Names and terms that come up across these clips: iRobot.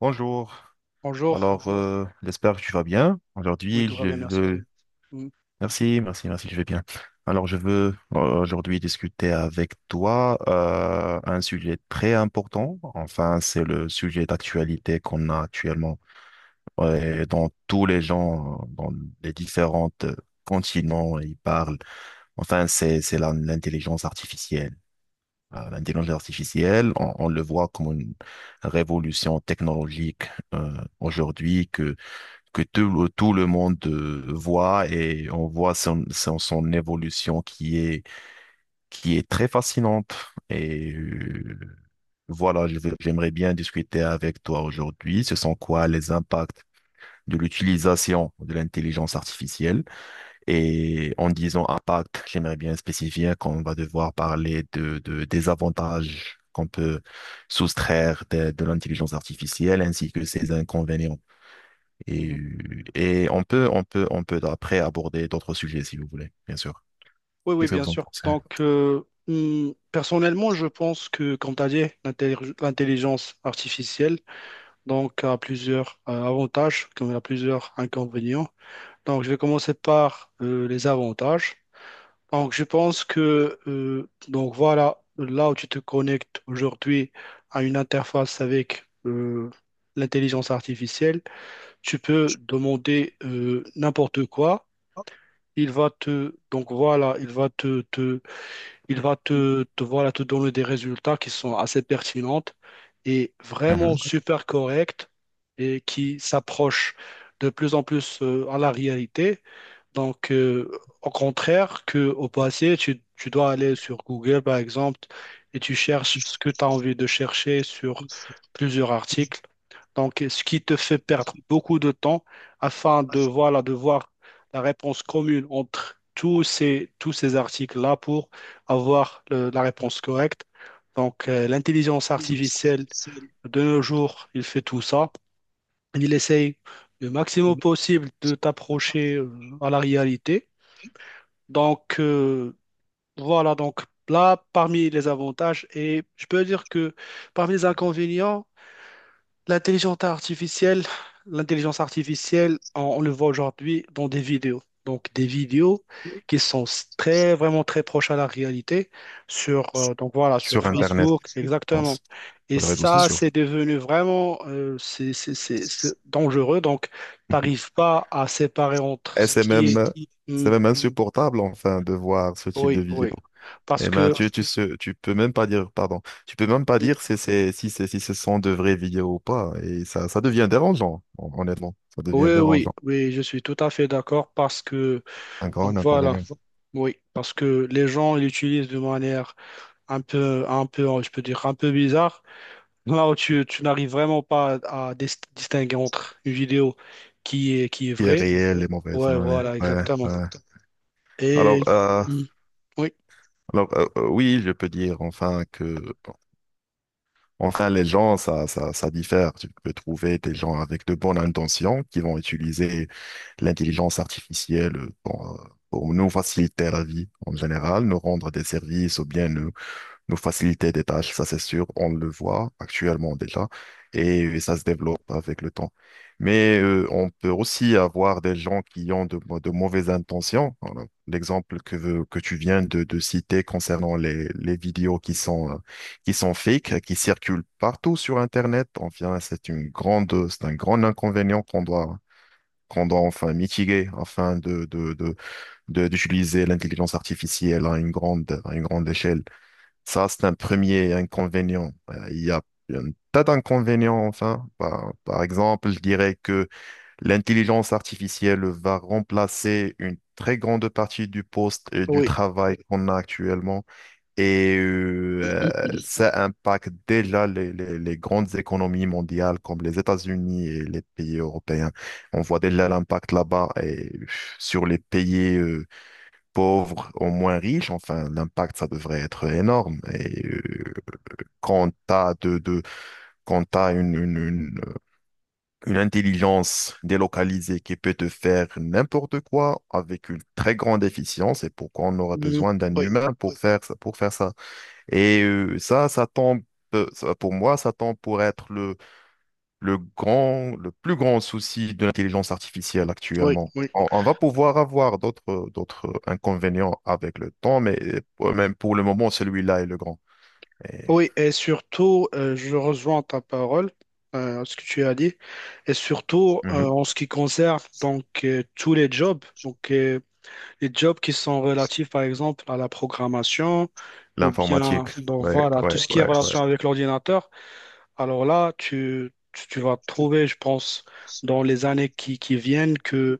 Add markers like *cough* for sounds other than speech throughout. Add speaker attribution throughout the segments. Speaker 1: Bonjour,
Speaker 2: Bonjour,
Speaker 1: j'espère que tu vas bien.
Speaker 2: oui,
Speaker 1: Aujourd'hui,
Speaker 2: tout va
Speaker 1: je
Speaker 2: bien, merci tout.
Speaker 1: veux...
Speaker 2: Mhm,
Speaker 1: Merci, merci, merci, je vais bien. Alors, je veux aujourd'hui discuter avec toi un sujet très important. Enfin, c'est le sujet d'actualité qu'on a actuellement. Ouais, dans tous les gens, dans les différents continents, ils parlent. Enfin, c'est l'intelligence artificielle. L'intelligence artificielle, on le voit comme une révolution technologique euh, aujourd'hui que tout le monde voit, et on voit son évolution qui est très fascinante. Et euh, voilà, j'aimerais bien discuter avec toi aujourd'hui. Ce sont quoi les impacts de l'utilisation de l'intelligence artificielle? Et en disant impact, j'aimerais bien spécifier qu'on va devoir parler des avantages qu'on peut soustraire de l'intelligence artificielle ainsi que ses inconvénients. Et,
Speaker 2: mhm.
Speaker 1: et on peut, on peut après aborder d'autres sujets si vous voulez, bien sûr.
Speaker 2: Oui, oui,
Speaker 1: Qu'est-ce que
Speaker 2: bien
Speaker 1: vous en
Speaker 2: sûr.
Speaker 1: pensez?
Speaker 2: Personnellement, je pense que, comme tu as dit, l'intelligence artificielle a plusieurs avantages comme elle a plusieurs inconvénients. Donc, je vais commencer par les avantages. Donc, je pense que, donc voilà, là où tu te connectes aujourd'hui à une interface avec l'intelligence artificielle, tu peux demander n'importe quoi. Il va te donc voilà, il va te, te il va te, te voilà te donner des résultats qui sont assez pertinentes et vraiment
Speaker 1: Mhm.
Speaker 2: super corrects et qui s'approchent de plus en plus à la réalité. Donc, au contraire que au passé, tu dois aller sur Google, par exemple, et tu cherches ce que tu as envie de chercher sur plusieurs articles. Donc, ce qui te fait perdre beaucoup de temps afin de, voilà, de voir la réponse commune entre tous ces articles-là pour avoir la réponse correcte. Donc, l'intelligence artificielle de nos jours, il fait tout ça. Il essaye le maximum possible de t'approcher à la réalité. Donc, voilà, là, parmi les avantages, et je peux dire que parmi les inconvénients, L'intelligence artificielle, l'intelligence artificielle, on le voit aujourd'hui dans des vidéos. Donc des vidéos qui sont s- très vraiment très proches à la réalité sur donc voilà sur
Speaker 1: Sur Internet,
Speaker 2: Facebook
Speaker 1: je
Speaker 2: exactement.
Speaker 1: pense,
Speaker 2: Et
Speaker 1: sur les réseaux
Speaker 2: ça
Speaker 1: sociaux.
Speaker 2: c'est devenu vraiment c'est dangereux. Donc t'arrives pas à séparer entre
Speaker 1: Et
Speaker 2: ce
Speaker 1: c'est
Speaker 2: qui est. Hmm,
Speaker 1: c'est même insupportable, enfin, de voir ce type de
Speaker 2: oui,
Speaker 1: vidéo.
Speaker 2: oui, parce
Speaker 1: Eh ben,
Speaker 2: que
Speaker 1: tu peux même pas dire, pardon, tu peux même pas
Speaker 2: oui,
Speaker 1: dire si c'est, si ce sont de vraies vidéos ou pas. Et ça devient dérangeant, honnêtement. Ça devient
Speaker 2: oui,
Speaker 1: dérangeant.
Speaker 2: oui, je suis tout à fait d'accord parce que
Speaker 1: Un grand
Speaker 2: donc voilà.
Speaker 1: inconvénient.
Speaker 2: Oui, parce que les gens l'utilisent de manière un peu, je peux dire, un peu bizarre, là où tu n'arrives vraiment pas à distinguer entre une vidéo qui est
Speaker 1: Qui est
Speaker 2: vraie.
Speaker 1: réel et mauvais.
Speaker 2: Ouais,
Speaker 1: Ouais,
Speaker 2: voilà,
Speaker 1: ouais,
Speaker 2: exactement.
Speaker 1: ouais.
Speaker 2: Et.
Speaker 1: Alors, euh,
Speaker 2: Mm. Oui,
Speaker 1: Alors, oui, je peux dire enfin que, enfin, les gens, ça diffère. Tu peux trouver des gens avec de bonnes intentions qui vont utiliser l'intelligence artificielle pour nous faciliter la vie en général, nous rendre des services ou bien nous faciliter des tâches. Ça c'est sûr, on le voit actuellement déjà, et ça se développe avec le temps. On peut aussi avoir des gens qui ont de mauvaises intentions. Voilà. L'exemple que tu viens de citer concernant les vidéos qui sont fake, qui circulent partout sur Internet, enfin, c'est une c'est un grand inconvénient qu'on doit enfin mitiguer afin d'utiliser l'intelligence artificielle à une à une grande échelle. Ça, c'est un premier inconvénient. Il y a un tas d'inconvénients, enfin. Par exemple, je dirais que l'intelligence artificielle va remplacer une très grande partie du poste et du
Speaker 2: oui.
Speaker 1: travail qu'on a actuellement. Et euh, ça impacte déjà les grandes économies mondiales comme les États-Unis et les pays européens. On voit déjà l'impact là-bas et sur les pays pauvres aux moins riches. Enfin, l'impact, ça devrait être énorme. Quand quand t'as une intelligence délocalisée qui peut te faire n'importe quoi avec une très grande efficience, et pourquoi on aura
Speaker 2: Mm.
Speaker 1: besoin d'un
Speaker 2: Oui,
Speaker 1: humain pour faire ça, pour faire ça. Ça, ça, pour moi, ça tombe pour être le le plus grand souci de l'intelligence artificielle
Speaker 2: oui,
Speaker 1: actuellement.
Speaker 2: oui.
Speaker 1: On va pouvoir avoir d'autres inconvénients avec le temps, mais même pour le moment, celui-là est le grand. Et,
Speaker 2: Oui, et surtout, je rejoins ta parole, ce que tu as dit, et surtout
Speaker 1: mhm.
Speaker 2: en ce qui concerne donc tous les jobs. Donc, les jobs qui sont relatifs, par exemple, à la programmation ou bien,
Speaker 1: L'informatique,
Speaker 2: donc
Speaker 1: ouais,
Speaker 2: voilà, tout
Speaker 1: ouais,
Speaker 2: ce qui est
Speaker 1: ouais, ouais.
Speaker 2: relation avec l'ordinateur. Alors là, tu vas trouver, je pense, dans les années qui viennent, que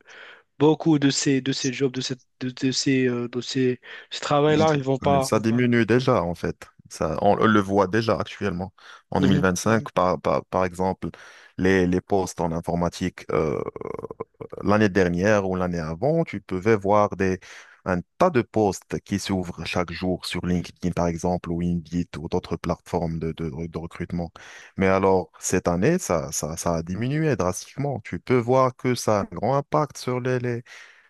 Speaker 2: beaucoup de ces jobs, de, cette, de ces, ce travail-là, ils vont
Speaker 1: Mais
Speaker 2: pas.
Speaker 1: ça diminue déjà, en fait. Ça, on le voit déjà actuellement. En
Speaker 2: Mhm.
Speaker 1: 2025, par exemple, les postes en informatique, l'année dernière ou l'année avant, tu pouvais voir des, un tas de postes qui s'ouvrent chaque jour sur LinkedIn, par exemple, ou Indeed, ou d'autres plateformes de recrutement. Mais alors, cette année, ça a diminué drastiquement. Tu peux voir que ça a un grand impact sur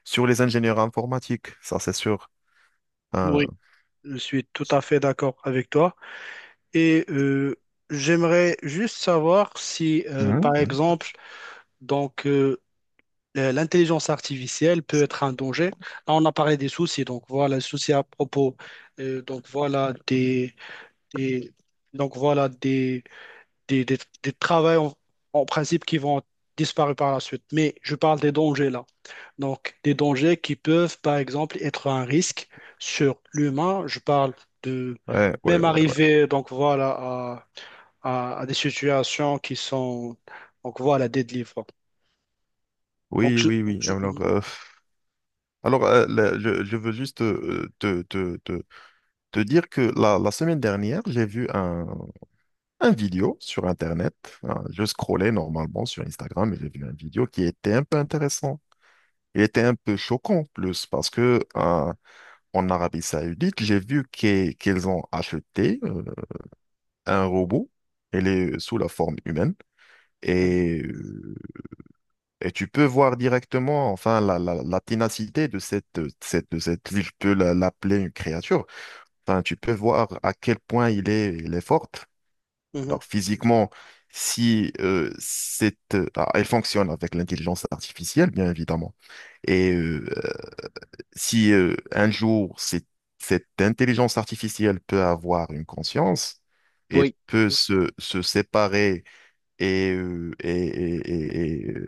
Speaker 1: sur les ingénieurs informatiques, ça c'est sûr. Hein.
Speaker 2: Oui, je suis tout à fait d'accord avec toi. Et j'aimerais juste savoir si, par exemple, donc, l'intelligence artificielle peut être un danger. Là, on a parlé des soucis, donc voilà, les soucis à propos, donc voilà des- donc voilà des travails en, en principe qui vont disparaître par la suite. Mais je parle des dangers là. Donc des dangers qui peuvent, par exemple, être un risque sur l'humain. Je parle de
Speaker 1: Ouais, ouais,
Speaker 2: même
Speaker 1: ouais.
Speaker 2: arriver, donc voilà, à des situations qui sont, donc voilà, des délivres. Donc
Speaker 1: Oui,
Speaker 2: je...
Speaker 1: oui, oui.
Speaker 2: Mhm,
Speaker 1: Alors je veux juste te dire que la semaine dernière, j'ai vu un vidéo sur Internet. Hein, je scrollais normalement sur Instagram et j'ai vu un vidéo qui était un peu intéressant. Il était un peu choquant en plus parce que en Arabie Saoudite, j'ai vu qu'ils ont acheté un robot. Elle est sous la forme humaine
Speaker 2: mhm,
Speaker 1: et, euh, et tu peux voir directement enfin la ténacité de cette, je peux l'appeler une créature. Enfin, tu peux voir à quel point il est forte.
Speaker 2: mhm.
Speaker 1: Alors physiquement, si elle fonctionne avec l'intelligence artificielle, bien évidemment. Et euh, si un jour cette intelligence artificielle peut avoir une conscience et
Speaker 2: Oui.
Speaker 1: peut se séparer et, euh, et, et- et- et, euh,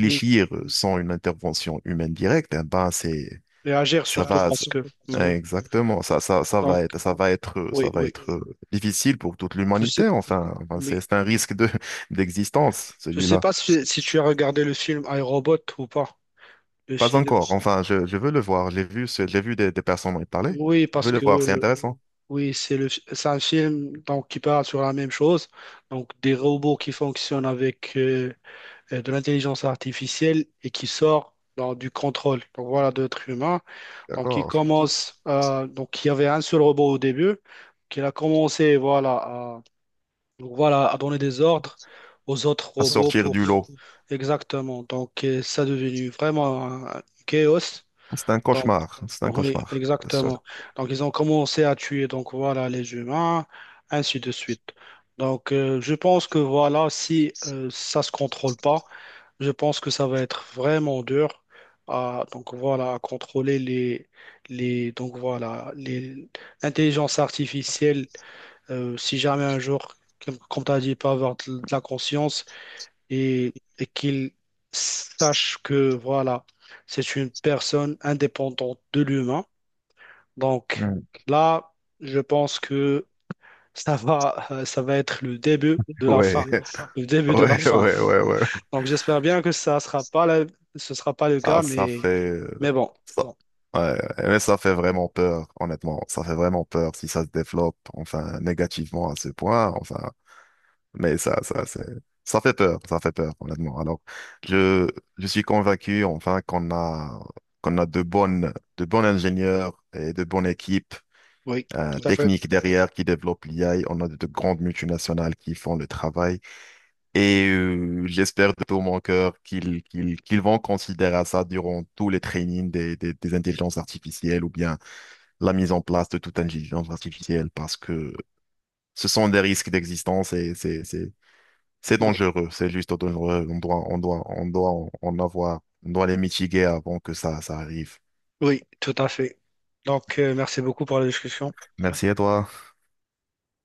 Speaker 2: Mhm.
Speaker 1: sans une intervention humaine directe, eh ben c'est
Speaker 2: Réagir
Speaker 1: ça
Speaker 2: surtout
Speaker 1: va,
Speaker 2: parce que.
Speaker 1: ça-
Speaker 2: Mhm.
Speaker 1: exactement. Ça
Speaker 2: Donc,
Speaker 1: va être,
Speaker 2: oui,
Speaker 1: ça va
Speaker 2: oui.
Speaker 1: être difficile pour toute
Speaker 2: Je sais,
Speaker 1: l'humanité. Enfin, c'est
Speaker 2: oui.
Speaker 1: c'est un risque de *laughs* d'existence,
Speaker 2: Je sais
Speaker 1: celui-là.
Speaker 2: pas si tu as regardé le film iRobot ou pas. Le
Speaker 1: Pas
Speaker 2: film.
Speaker 1: encore. Enfin, je veux le voir. J'ai vu, j'ai vu des personnes m'en parler.
Speaker 2: Oui,
Speaker 1: Je
Speaker 2: parce
Speaker 1: veux le
Speaker 2: que
Speaker 1: voir. C'est intéressant.
Speaker 2: oui, c'est un film donc, qui parle sur la même chose. Donc, des robots qui fonctionnent avec de l'intelligence artificielle et qui sort dans, du contrôle. Donc, voilà, d'autres humains. Donc, il
Speaker 1: D'accord.
Speaker 2: commence. Donc, il y avait un seul robot au début. Qu'il a commencé, voilà, donc voilà, à donner des ordres aux autres
Speaker 1: À
Speaker 2: robots
Speaker 1: sortir
Speaker 2: pour...
Speaker 1: du lot.
Speaker 2: Exactement. Donc ça est devenu vraiment un chaos.
Speaker 1: C'est un
Speaker 2: Donc
Speaker 1: cauchemar. C'est un
Speaker 2: oui,
Speaker 1: cauchemar. Ça.
Speaker 2: exactement. Donc ils ont commencé à tuer donc voilà les humains, ainsi de suite. Donc je pense que voilà, si ça se contrôle pas, je pense que ça va être vraiment dur à donc voilà à contrôler les donc voilà les l'intelligence artificielle si jamais un jour, comme tu as dit, il peut avoir de la conscience et, qu'il sache que voilà, c'est une personne indépendante de l'humain. Donc
Speaker 1: Mm.
Speaker 2: là, je pense que ça va être le début de la
Speaker 1: Ouais.
Speaker 2: fin.
Speaker 1: *laughs*
Speaker 2: Le début de la
Speaker 1: Ouais,
Speaker 2: fin.
Speaker 1: ouais, ouais, ouais.
Speaker 2: Donc j'espère bien que ça sera pas la- ce sera pas le
Speaker 1: Ah,
Speaker 2: cas,
Speaker 1: ça fait... euh,
Speaker 2: mais bon,
Speaker 1: ça- Ouais, mais ça fait vraiment peur, honnêtement. Ça fait vraiment peur si ça se développe, enfin, négativement à ce point, enfin. Mais c'est... ça fait peur, honnêtement. Alors, je, je suis convaincu, enfin, qu'on a de bonnes, de bons ingénieurs et de bonnes équipes
Speaker 2: oui, tout à fait.
Speaker 1: techniques derrière qui développent l'IA. On a de grandes multinationales qui font le travail. J'espère de tout mon cœur qu'ils vont considérer ça durant tous les trainings des intelligences artificielles ou bien la mise en place de toute intelligence artificielle parce que ce sont des risques d'existence et c'est
Speaker 2: Oui,
Speaker 1: dangereux, c'est juste dangereux. On doit en avoir, on doit les mitiguer avant que ça arrive.
Speaker 2: oui, tout à fait. Donc merci beaucoup pour la discussion.
Speaker 1: Merci à toi.